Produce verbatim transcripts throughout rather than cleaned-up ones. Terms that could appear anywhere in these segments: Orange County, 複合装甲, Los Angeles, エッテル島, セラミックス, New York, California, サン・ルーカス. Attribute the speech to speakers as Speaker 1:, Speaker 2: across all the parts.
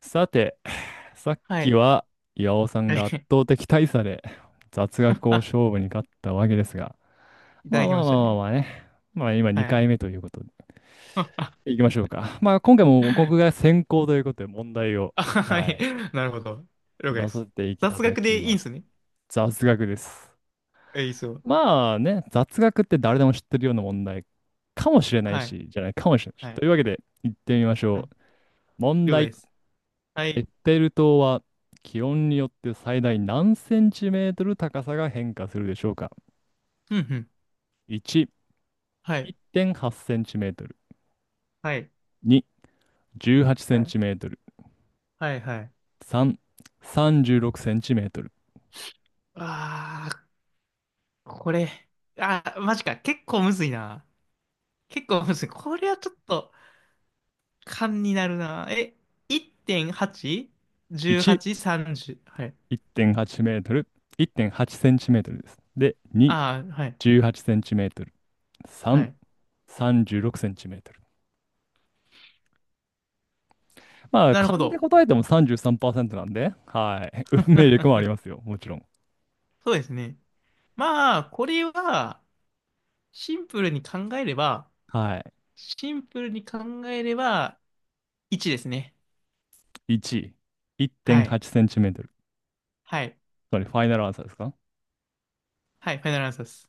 Speaker 1: さて、さっ
Speaker 2: は
Speaker 1: き
Speaker 2: い。
Speaker 1: は岩尾さ ん
Speaker 2: は
Speaker 1: が圧
Speaker 2: い。
Speaker 1: 倒的大差で雑学を 勝負に勝ったわけですが、
Speaker 2: いた
Speaker 1: ま
Speaker 2: だ
Speaker 1: あ
Speaker 2: き
Speaker 1: ま
Speaker 2: ま
Speaker 1: あ
Speaker 2: し
Speaker 1: まあ
Speaker 2: た
Speaker 1: まあ
Speaker 2: ね。
Speaker 1: まあね、まあ今
Speaker 2: は
Speaker 1: 2
Speaker 2: い。
Speaker 1: 回目ということで、いきましょうか。まあ今回も僕が先行ということで問題を、
Speaker 2: あ、は
Speaker 1: は
Speaker 2: い。
Speaker 1: い、
Speaker 2: なるほど。了解で
Speaker 1: 出させ
Speaker 2: す。
Speaker 1: ていた
Speaker 2: 雑
Speaker 1: だ
Speaker 2: 学
Speaker 1: き
Speaker 2: でいい
Speaker 1: ま
Speaker 2: ん
Speaker 1: す。
Speaker 2: すね。
Speaker 1: 雑学です。
Speaker 2: え、いいっすよ。
Speaker 1: まあね、雑学って誰でも知ってるような問題かもしれない
Speaker 2: はい。
Speaker 1: し、じゃないかもしれないし。
Speaker 2: はい。
Speaker 1: というわけで、行ってみまし
Speaker 2: う
Speaker 1: ょ
Speaker 2: ん。
Speaker 1: う。問
Speaker 2: 了解
Speaker 1: 題。
Speaker 2: です。は
Speaker 1: エ
Speaker 2: い。
Speaker 1: ッテル島は気温によって最大何センチメートル高さが変化するでしょうか？
Speaker 2: うんうん。
Speaker 1: いち、
Speaker 2: はい。
Speaker 1: いってんはちセンチメートル。
Speaker 2: はい。
Speaker 1: に、18セン
Speaker 2: はい。
Speaker 1: チメートル。
Speaker 2: はい。はい。
Speaker 1: さん、さんじゅうろくセンチメートル。
Speaker 2: あー、これ。あー、マジか。結構むずいな。結構むずい。これはちょっと、勘になるな。え、
Speaker 1: いち、
Speaker 2: いってんはち?じゅうはち?さんじゅう? はちじゅうはちさんじゅうはい。
Speaker 1: いってんはちメートル。いってんはちセンチメートルです。で、に、
Speaker 2: あー、はい。
Speaker 1: じゅうはちセンチメートル。
Speaker 2: は
Speaker 1: さん、
Speaker 2: い。
Speaker 1: さんじゅうろくセンチメートル。まあ、
Speaker 2: なるほ
Speaker 1: 勘で
Speaker 2: ど。
Speaker 1: 答えてもさんじゅうさんパーセントなんで、はい。運命力 もありますよ、もちろん。
Speaker 2: そうですね。まあ、これは、シンプルに考えれば、
Speaker 1: はい。
Speaker 2: シンプルに考えれば、いちですね。
Speaker 1: いち、1.8
Speaker 2: は
Speaker 1: セ
Speaker 2: い。
Speaker 1: ンチメートル。
Speaker 2: はい。
Speaker 1: それファイナルアンサーですか？
Speaker 2: はい、ファイナルアンサーです。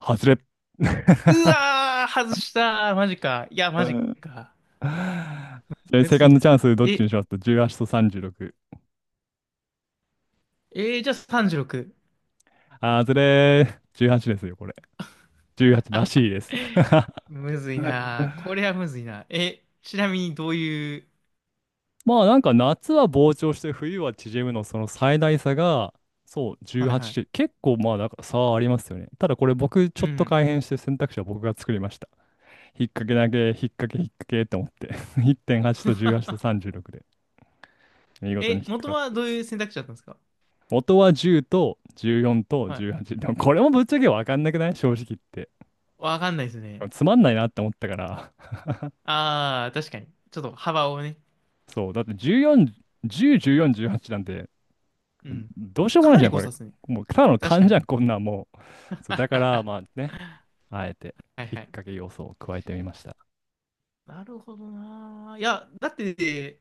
Speaker 1: 外れ。
Speaker 2: うわー、外したー。マジか。いや、マジか。
Speaker 1: じゃあ
Speaker 2: む
Speaker 1: セカ
Speaker 2: ずい
Speaker 1: ンド
Speaker 2: な。
Speaker 1: チャンスどっちに
Speaker 2: え、
Speaker 1: しますと、じゅうはちとさんじゅうろく。
Speaker 2: えーじゃあさんじゅうろく。
Speaker 1: あずれー。じゅうはちですよ、これ。じゅうはちらしい です。
Speaker 2: むずいな。これはむずいな。え、ちなみにどういう、
Speaker 1: まあ、なんか夏は膨張して冬は縮むの、その最大差が、そう、
Speaker 2: はいは
Speaker 1: じゅうはちって
Speaker 2: い。
Speaker 1: 結構、まあ、なんか差はありますよね。ただ、これ僕ちょ
Speaker 2: う
Speaker 1: っと
Speaker 2: ん。
Speaker 1: 改変して選択肢は僕が作りました。引っ掛けだけ、引っ掛け、引っ掛けって思って。いってんはちとじゅうはちと さんじゅうろくで見事に
Speaker 2: え、
Speaker 1: 引っ
Speaker 2: 元
Speaker 1: 掛
Speaker 2: は
Speaker 1: か、
Speaker 2: どういう選択肢だったんですか？
Speaker 1: 元はじゅうとじゅうよんと
Speaker 2: はい。
Speaker 1: じゅうはち。でも、これもぶっちゃけわかんなくない、正直言って。
Speaker 2: わかんないですね。
Speaker 1: つまんないなって思ったから。
Speaker 2: ああ、確かに。ちょっと幅をね、
Speaker 1: そう。だって、じゅうよん、じゅう、じゅうよん、じゅうはちなんて、
Speaker 2: うん。
Speaker 1: どうしようも
Speaker 2: か
Speaker 1: ない
Speaker 2: な
Speaker 1: じゃ
Speaker 2: り
Speaker 1: ん、こ
Speaker 2: 誤
Speaker 1: れ。
Speaker 2: 差ですね。
Speaker 1: もう、ただの
Speaker 2: 確か
Speaker 1: 勘
Speaker 2: に。
Speaker 1: じゃん、こんなんもう。そう、だから、
Speaker 2: は
Speaker 1: まあね、あえて、
Speaker 2: い
Speaker 1: 引っ
Speaker 2: はい。
Speaker 1: 掛け要素を加えてみました。
Speaker 2: なるほどな。いや、だって、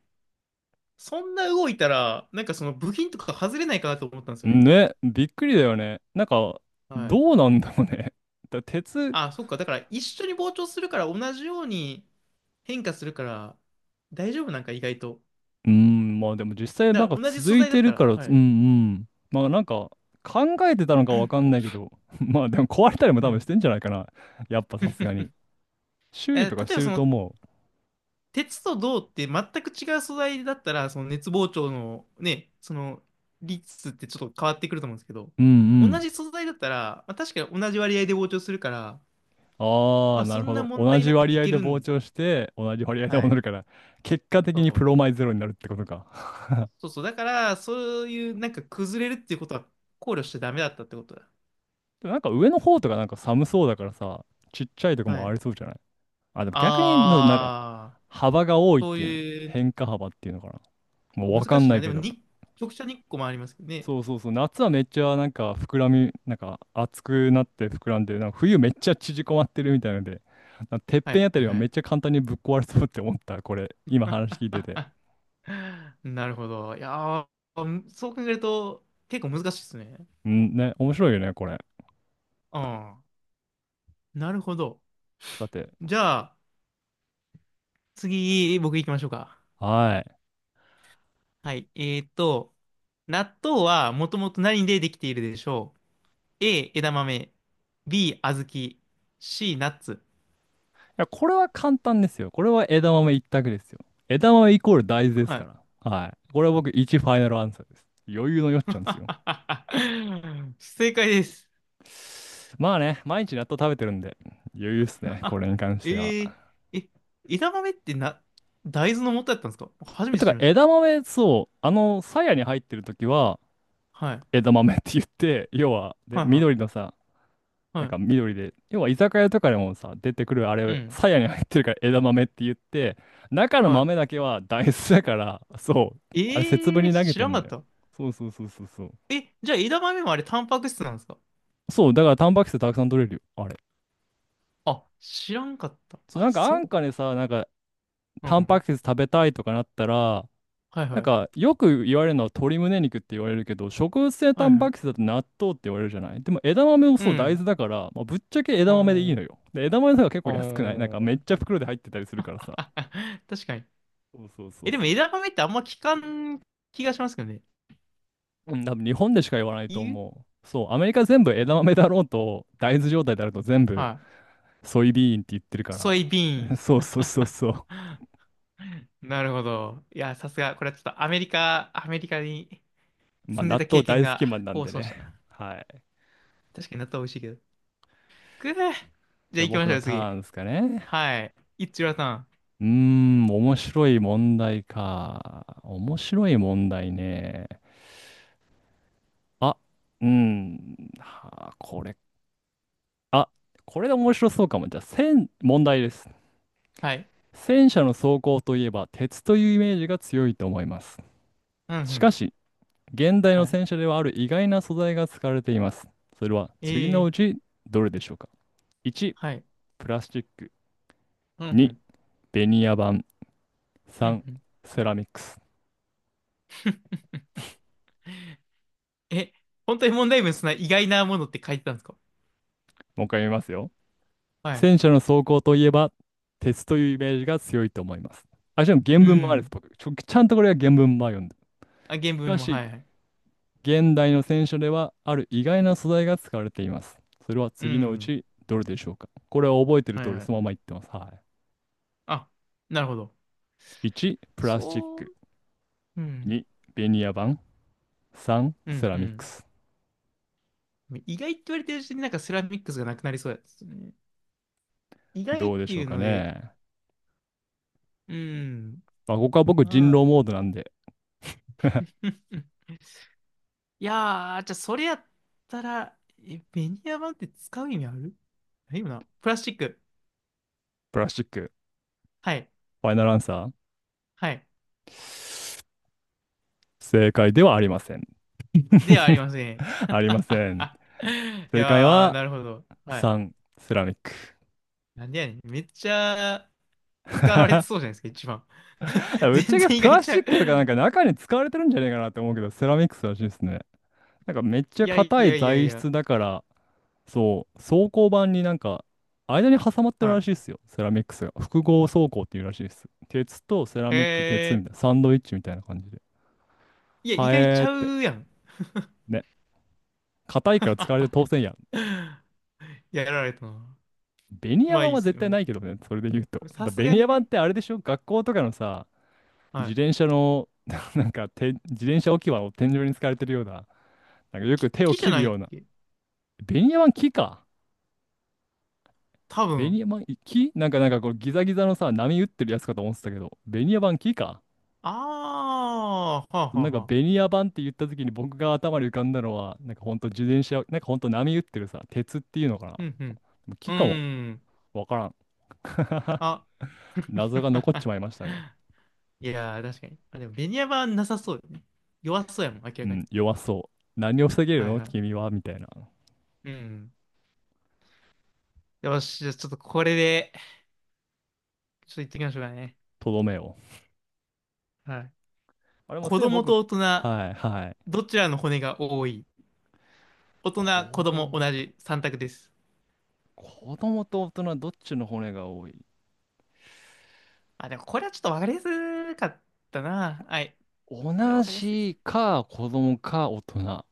Speaker 2: そんな動いたら、なんかその部品とか外れないかなと思ったんですよね。
Speaker 1: ね、びっくりだよね。なんか、
Speaker 2: はい。
Speaker 1: どうなんだろうね。だ鉄、
Speaker 2: あ、そっか。だから一緒に膨張するから同じように変化するから大丈夫なんか意外と。
Speaker 1: うーん、まあ、でも実際
Speaker 2: だ
Speaker 1: なん
Speaker 2: か
Speaker 1: か
Speaker 2: ら同じ素
Speaker 1: 続い
Speaker 2: 材だ
Speaker 1: て
Speaker 2: った
Speaker 1: る
Speaker 2: ら、
Speaker 1: から
Speaker 2: は
Speaker 1: つ、うん
Speaker 2: い。
Speaker 1: うん。まあ、なんか考えてたのかわかん ないけど、まあ、でも壊れたりも
Speaker 2: う
Speaker 1: 多分し
Speaker 2: ん。
Speaker 1: てんじゃないかな。やっぱさすがに。修理
Speaker 2: え、
Speaker 1: とかし
Speaker 2: 例え
Speaker 1: て
Speaker 2: ばそ
Speaker 1: ると
Speaker 2: の
Speaker 1: 思
Speaker 2: 鉄と銅って全く違う素材だったら、その熱膨張のね、その率ってちょっと変わってくると思うんですけど、
Speaker 1: う。うんう
Speaker 2: 同
Speaker 1: ん。
Speaker 2: じ素材だったら、まあ、確かに同じ割合で膨張するから、
Speaker 1: あ
Speaker 2: ま
Speaker 1: あ、
Speaker 2: あ
Speaker 1: な
Speaker 2: そ
Speaker 1: る
Speaker 2: ん
Speaker 1: ほ
Speaker 2: な
Speaker 1: ど。
Speaker 2: 問
Speaker 1: 同
Speaker 2: 題
Speaker 1: じ
Speaker 2: なく
Speaker 1: 割
Speaker 2: い
Speaker 1: 合
Speaker 2: け
Speaker 1: で
Speaker 2: る
Speaker 1: 膨
Speaker 2: ん。
Speaker 1: 張して、同じ割合で
Speaker 2: は
Speaker 1: 戻
Speaker 2: い。
Speaker 1: るから、結果
Speaker 2: そ
Speaker 1: 的にプロ
Speaker 2: う。
Speaker 1: マイゼロになるってことか。
Speaker 2: そうそう。だから、そういうなんか崩れるっていうことは考慮しちゃダメだったってことだ。
Speaker 1: でも、なんか上の方とかなんか寒そうだからさ、ちっちゃいとこ
Speaker 2: は
Speaker 1: もあ
Speaker 2: い。
Speaker 1: りそうじゃない？あ、でも逆にな、なんか
Speaker 2: あー、
Speaker 1: 幅が多いっ
Speaker 2: そう
Speaker 1: ていうの。
Speaker 2: いうね、
Speaker 1: 変化幅っていうのかな。もうわか
Speaker 2: 難
Speaker 1: ん
Speaker 2: しい
Speaker 1: な
Speaker 2: な。
Speaker 1: い
Speaker 2: で
Speaker 1: け
Speaker 2: も
Speaker 1: ど。
Speaker 2: に、直射日光もありますけどね。
Speaker 1: そうそうそう、夏はめっちゃなんか膨らみ、なんか熱くなって膨らんで、なんか冬めっちゃ縮こまってるみたいので、なんかてっ
Speaker 2: は
Speaker 1: ぺん
Speaker 2: い
Speaker 1: あた
Speaker 2: は
Speaker 1: り
Speaker 2: い
Speaker 1: は
Speaker 2: は
Speaker 1: めっ
Speaker 2: い。
Speaker 1: ちゃ簡単にぶっ壊れそうって思った、これ、今話聞いてて。
Speaker 2: なるほど。いやー、むそう考えると結構難しいですね。
Speaker 1: うん、ね、面白いよね、これ。
Speaker 2: うん。なるほど。
Speaker 1: さて、
Speaker 2: じゃあ、次、僕行きましょうか。
Speaker 1: はい。い
Speaker 2: はい。えーっと、納豆はもともと何でできているでしょう？ A、枝豆。B、小豆。C、ナッツ。
Speaker 1: や、これは簡単ですよ。これは枝豆一択ですよ。枝豆イコール大豆です
Speaker 2: は
Speaker 1: か
Speaker 2: い。
Speaker 1: ら。はい。これは僕いち、ファイナルアンサーです。余裕のよっちゃんですよ。
Speaker 2: 正解です。
Speaker 1: まあね、毎日納豆食べてるんで、余裕っす ね、こ
Speaker 2: あ
Speaker 1: れに関し
Speaker 2: え
Speaker 1: ては。
Speaker 2: ー、え、枝豆ってな、大豆の元だったんですか？初めて
Speaker 1: て
Speaker 2: 知
Speaker 1: か、
Speaker 2: りまし
Speaker 1: 枝豆、そう、あの、鞘に入ってる時は、
Speaker 2: た。はい。
Speaker 1: 枝豆って言って、要は、で、
Speaker 2: はいは
Speaker 1: 緑
Speaker 2: い。
Speaker 1: のさ、なん
Speaker 2: は
Speaker 1: か緑で、要は居酒屋とかでもさ、出てくるあ
Speaker 2: い。う
Speaker 1: れ、
Speaker 2: ん。
Speaker 1: 鞘に入ってるから枝豆って言って、中の
Speaker 2: は
Speaker 1: 豆
Speaker 2: い
Speaker 1: だけは大豆だから、そう、あれ節分
Speaker 2: ええー、
Speaker 1: に投げ
Speaker 2: 知
Speaker 1: て
Speaker 2: らん
Speaker 1: ん
Speaker 2: か
Speaker 1: の
Speaker 2: っ
Speaker 1: よ。
Speaker 2: た。
Speaker 1: そうそうそうそうそう。
Speaker 2: え、じゃあ枝豆もあれタンパク質なんですか？
Speaker 1: そう、だからタンパク質たくさん取れるよ、あれ。
Speaker 2: あ、知らんかった。
Speaker 1: そう、
Speaker 2: あ、
Speaker 1: なんか安
Speaker 2: そ
Speaker 1: 価でさ、なんか、
Speaker 2: う。う
Speaker 1: タンパ
Speaker 2: ん。
Speaker 1: ク質食べたいとかなったら、
Speaker 2: はい
Speaker 1: なん
Speaker 2: はい。
Speaker 1: か、よく言われるのは鶏胸肉って言われるけど、植物性タ
Speaker 2: はい
Speaker 1: ン
Speaker 2: は
Speaker 1: パク質
Speaker 2: い。
Speaker 1: だと納豆って言われるじゃない。でも、枝豆も
Speaker 2: う
Speaker 1: そう、大
Speaker 2: ん。
Speaker 1: 豆だから、まあ、ぶっちゃけ枝
Speaker 2: お
Speaker 1: 豆でいい
Speaker 2: ー
Speaker 1: のよ。で、枝豆とか結構安くない？なん
Speaker 2: お
Speaker 1: かめっ
Speaker 2: ー。
Speaker 1: ちゃ袋で入ってたりする からさ。
Speaker 2: 確かに。
Speaker 1: そうそうそう
Speaker 2: え、でも
Speaker 1: そう。
Speaker 2: 枝豆ってあんま聞かん気がしますけどね。
Speaker 1: うん、多分日本でしか言わないと
Speaker 2: 言う
Speaker 1: 思う。そう、アメリカ全部枝豆だろうと、大豆状態であると全部
Speaker 2: はい。
Speaker 1: ソイビーンって言ってるか
Speaker 2: ソイビーン。
Speaker 1: ら。そうそうそうそう。
Speaker 2: なるほど。いや、さすが。これはちょっとアメリカ、アメリカに
Speaker 1: まあ
Speaker 2: 住んで
Speaker 1: 納
Speaker 2: た
Speaker 1: 豆
Speaker 2: 経験
Speaker 1: 大好き
Speaker 2: が
Speaker 1: マンなん
Speaker 2: 功
Speaker 1: で
Speaker 2: そうし
Speaker 1: ね。
Speaker 2: たな。
Speaker 1: はい。
Speaker 2: 確かに納豆美味しいけど。くぅ。じゃあ
Speaker 1: じゃあ
Speaker 2: 行き
Speaker 1: 僕
Speaker 2: まし
Speaker 1: の
Speaker 2: ょう、
Speaker 1: タ
Speaker 2: 次。
Speaker 1: ーンですかね。
Speaker 2: はい。いっちゅらさん。
Speaker 1: うーん、面白い問題か。面白い問題ね。あ、うん、はあ、これ、あ、これで面白そうかも。じゃあ、戦、問題です。
Speaker 2: はい。
Speaker 1: 戦車の走行といえば、鉄というイメージが強いと思います。
Speaker 2: うんう
Speaker 1: し
Speaker 2: ん。
Speaker 1: かし、現代
Speaker 2: は
Speaker 1: の
Speaker 2: い。
Speaker 1: 戦車ではある意外な素材が使われています。それは次の
Speaker 2: ええ
Speaker 1: うちどれでしょうか？ いち、
Speaker 2: はい。
Speaker 1: プラスチック。
Speaker 2: うんう
Speaker 1: に、
Speaker 2: ん。
Speaker 1: ベニヤ板。
Speaker 2: うん
Speaker 1: さん、
Speaker 2: うん。
Speaker 1: セラミックス。
Speaker 2: え、本当に問題文そんな意外なものって書いてたんですか？
Speaker 1: もう一回見ますよ。
Speaker 2: はい。
Speaker 1: 戦車の装甲といえば、鉄というイメージが強いと思います。あ、しかも原
Speaker 2: う
Speaker 1: 文もあるんです。
Speaker 2: ん。
Speaker 1: 僕ちょ、ちゃんとこれは原文も読んで。し
Speaker 2: あ、原文
Speaker 1: か
Speaker 2: のも、
Speaker 1: し、
Speaker 2: はいはい。
Speaker 1: 現代の戦車では、ある意外な素材が使われています。それは
Speaker 2: う
Speaker 1: 次のう
Speaker 2: ん。
Speaker 1: ち、どれでしょうか？これは覚えてる
Speaker 2: はい
Speaker 1: 通り、
Speaker 2: はい。
Speaker 1: そのまま言ってます。は
Speaker 2: あ、なるほど。
Speaker 1: い。いち、プラスチッ
Speaker 2: そう、
Speaker 1: ク。
Speaker 2: うん。
Speaker 1: に、ベニヤ板。さん、
Speaker 2: う
Speaker 1: セ
Speaker 2: ん
Speaker 1: ラ
Speaker 2: う
Speaker 1: ミック
Speaker 2: ん。
Speaker 1: ス。
Speaker 2: 意外って言われてるうちになんかセラミックスがなくなりそうですね。意外
Speaker 1: ど
Speaker 2: っ
Speaker 1: うで
Speaker 2: て
Speaker 1: しょ
Speaker 2: い
Speaker 1: う
Speaker 2: う
Speaker 1: か
Speaker 2: ので、
Speaker 1: ね。
Speaker 2: うん。
Speaker 1: まあ、ここは僕、人
Speaker 2: あ
Speaker 1: 狼
Speaker 2: ん
Speaker 1: モードなんで、
Speaker 2: いやー、じゃあそれやったら、え、ベニヤ板って使う意味ある？ないよな。プラスチック。
Speaker 1: プラスチック、
Speaker 2: はい。
Speaker 1: ファイナルアンサ
Speaker 2: はい。
Speaker 1: ー。正解ではありません。
Speaker 2: ではあり ません。
Speaker 1: ありません。
Speaker 2: い
Speaker 1: 正解
Speaker 2: やー、
Speaker 1: は
Speaker 2: なるほど。はい。
Speaker 1: さん、セラミック。
Speaker 2: なんでやねん。めっちゃ使われてそう じゃないですか、一番。
Speaker 1: ぶっち
Speaker 2: 全
Speaker 1: ゃけ
Speaker 2: 然意
Speaker 1: プ
Speaker 2: 外
Speaker 1: ラス
Speaker 2: ちゃ
Speaker 1: チッ
Speaker 2: う。
Speaker 1: クとかなんか中に使われてるんじゃねえかなって思うけど、セラミックスらしいですね。なんかめっち
Speaker 2: い
Speaker 1: ゃ
Speaker 2: やい
Speaker 1: 硬い
Speaker 2: やいやい
Speaker 1: 材
Speaker 2: や。
Speaker 1: 質だから、そう、装甲板になんか間に挟まってる
Speaker 2: は
Speaker 1: ら
Speaker 2: い。
Speaker 1: しいですよ、セラミックスが。複合装甲っていうらしいです。鉄とセラミック、鉄み
Speaker 2: え
Speaker 1: たいな、サンドイッチみたいな感じで。
Speaker 2: ー、いや、意
Speaker 1: は
Speaker 2: 外ち
Speaker 1: えーっ
Speaker 2: ゃ
Speaker 1: て。
Speaker 2: うやん。
Speaker 1: ね、硬いから使われて当然や。
Speaker 2: いややられたな。
Speaker 1: ベニヤ
Speaker 2: まあ
Speaker 1: 板
Speaker 2: いいっ
Speaker 1: は
Speaker 2: すね。
Speaker 1: 絶
Speaker 2: まあ
Speaker 1: 対
Speaker 2: いいっ
Speaker 1: ないけどね、それで言うと。
Speaker 2: すさ
Speaker 1: だ
Speaker 2: す
Speaker 1: ベ
Speaker 2: が
Speaker 1: ニヤ
Speaker 2: に
Speaker 1: 板っ
Speaker 2: ね。
Speaker 1: てあれでしょ？学校とかのさ、
Speaker 2: は
Speaker 1: 自
Speaker 2: い。
Speaker 1: 転車の、なんかて、自転車置き場を天井に使われてるような、なんかよ
Speaker 2: き、
Speaker 1: く手を
Speaker 2: 木じゃ
Speaker 1: 切る
Speaker 2: ないっ
Speaker 1: ような。
Speaker 2: け？
Speaker 1: ベニヤ板木か？
Speaker 2: 多
Speaker 1: ベニ
Speaker 2: 分。
Speaker 1: ヤ板木なんか、なんかこうギザギザのさ、波打ってるやつかと思ってたけど、ベニヤ板木か？
Speaker 2: あー、はあはあ
Speaker 1: なんか
Speaker 2: は
Speaker 1: ベ
Speaker 2: あ。
Speaker 1: ニヤ板って言った時に僕が頭に浮かんだのは、なんかほんと自転車、なんかほんと波打ってるさ、鉄っていうのか
Speaker 2: うん
Speaker 1: な
Speaker 2: うん。う
Speaker 1: 木かも。
Speaker 2: ーん。
Speaker 1: わからん。
Speaker 2: あ。
Speaker 1: 謎が残っち まいましたね。
Speaker 2: いやー、確かに。あ、でも、ベニヤマはなさそうよね。弱そうやもん、明
Speaker 1: う
Speaker 2: らか
Speaker 1: ん、
Speaker 2: に。
Speaker 1: 弱そう。何を防げる
Speaker 2: はい
Speaker 1: の
Speaker 2: はい。
Speaker 1: 君は、みたいな。
Speaker 2: うん。よし、じゃあちょっとこれで、ちょっと言ってきましょうかね。
Speaker 1: とどめを。
Speaker 2: はい。
Speaker 1: あれもうす
Speaker 2: 子
Speaker 1: でに
Speaker 2: 供
Speaker 1: 僕、
Speaker 2: と大人、
Speaker 1: はいはい。
Speaker 2: どちらの骨が多い？大
Speaker 1: 子
Speaker 2: 人、子供、
Speaker 1: 供
Speaker 2: 同
Speaker 1: と、
Speaker 2: じさん択です。
Speaker 1: 子供と大人、どっちの骨が多い？
Speaker 2: あ、でもこれはちょっとわかりやすかったな。はい。
Speaker 1: 同
Speaker 2: これはわかりやすいです。
Speaker 1: じか、子供か、大人。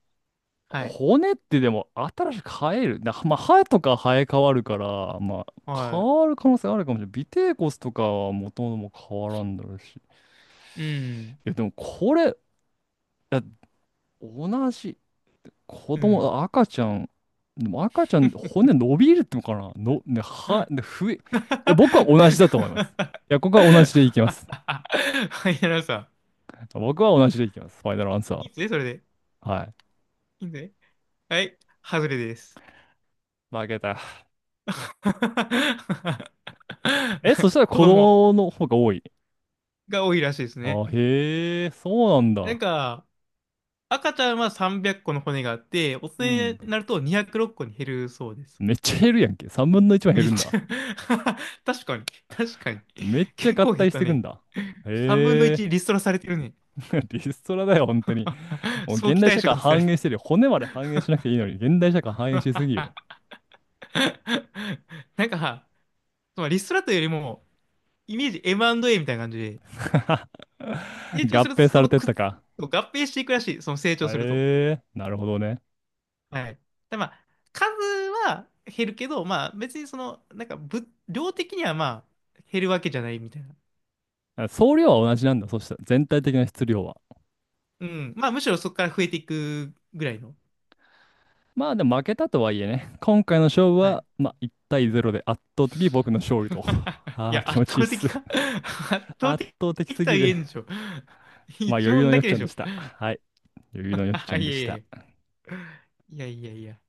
Speaker 2: はい。
Speaker 1: 骨ってでも、新しく生える。な、まあ、歯とか生え変わるから、まあ、変
Speaker 2: は
Speaker 1: わる可能性あるかもしれない。尾てい骨とかは元々も変わらんだろうし。い
Speaker 2: い。うん。
Speaker 1: や、でもこれ、いや、同じ。子
Speaker 2: うん。
Speaker 1: 供、赤ちゃん、でも赤ちゃん、骨伸びるってのかなの、ね、は、ね、ふえ、いや、僕は同じだと思います。いや、ここは同じでいきます。
Speaker 2: はい、やらさ
Speaker 1: 僕は同じでいきます。ファイナルアンサ
Speaker 2: ん。いいですね、
Speaker 1: ー。
Speaker 2: それで。
Speaker 1: はい。
Speaker 2: いいですね。はい、外れです。
Speaker 1: 負けた。え、そし たら子
Speaker 2: 子供
Speaker 1: 供の方が多い。
Speaker 2: が多いらしいですね。
Speaker 1: あ、へえ、そうなん
Speaker 2: なん
Speaker 1: だ。
Speaker 2: か、赤ちゃんはさんびゃっこの骨があって、大
Speaker 1: う
Speaker 2: 人
Speaker 1: ん。
Speaker 2: になるとにひゃくろっこに減るそうです。
Speaker 1: めっちゃ減るやんけ。さんぶんのいちは減
Speaker 2: めっ
Speaker 1: るん
Speaker 2: ち
Speaker 1: だ。
Speaker 2: ゃ 確かに、確かに。
Speaker 1: めっちゃ
Speaker 2: 結
Speaker 1: 合
Speaker 2: 構減っ
Speaker 1: 体し
Speaker 2: た
Speaker 1: てくん
Speaker 2: ね。
Speaker 1: だ。
Speaker 2: さんぶんの
Speaker 1: へえ、
Speaker 2: いちリストラされてるね。
Speaker 1: リストラだよ、本当に。もう
Speaker 2: 早
Speaker 1: 現
Speaker 2: 期
Speaker 1: 代
Speaker 2: 退
Speaker 1: 社
Speaker 2: 職
Speaker 1: 会
Speaker 2: させられ
Speaker 1: 反映
Speaker 2: て
Speaker 1: し
Speaker 2: る
Speaker 1: てるよ。骨まで反映しなくていいのに、現代社会反映しすぎよ。
Speaker 2: なんか、そのリストラというよりも、イメージ エーアンドエー みたいな感じで、成長
Speaker 1: 合
Speaker 2: すると
Speaker 1: 併さ
Speaker 2: そ
Speaker 1: れ
Speaker 2: の
Speaker 1: てっ
Speaker 2: くっ
Speaker 1: たか。
Speaker 2: 合併していくらしい、その成長すると。
Speaker 1: ええー、なるほどね。
Speaker 2: はい。で、まあ、数は減るけど、まあ、別にその、なんか、ぶ、量的にはまあ、減るわけじゃないみたいな。
Speaker 1: 総量は同じなんだ。そしたら全体的な質量は。
Speaker 2: うん。まあ、むしろそこから増えていくぐらいの。
Speaker 1: まあ、でも負けたとはいえね、今回の勝負
Speaker 2: は
Speaker 1: は、
Speaker 2: い。
Speaker 1: まあいち対ゼロで圧倒的僕の勝利と。
Speaker 2: い
Speaker 1: ああ、
Speaker 2: や、
Speaker 1: 気
Speaker 2: 圧
Speaker 1: 持ちいいっ
Speaker 2: 倒
Speaker 1: す。
Speaker 2: 的か 圧 倒
Speaker 1: 圧
Speaker 2: 的
Speaker 1: 倒的す
Speaker 2: とは
Speaker 1: ぎ
Speaker 2: 言
Speaker 1: る。
Speaker 2: えんでしょ。
Speaker 1: まあ
Speaker 2: 一
Speaker 1: 余裕
Speaker 2: 問
Speaker 1: の
Speaker 2: だ
Speaker 1: よっ
Speaker 2: け
Speaker 1: ち
Speaker 2: で
Speaker 1: ゃん
Speaker 2: し
Speaker 1: で
Speaker 2: ょ。
Speaker 1: した。はい。余裕の よっちゃ
Speaker 2: あ、
Speaker 1: ん
Speaker 2: い
Speaker 1: で
Speaker 2: え
Speaker 1: し
Speaker 2: い
Speaker 1: た。
Speaker 2: え。いやいやいや。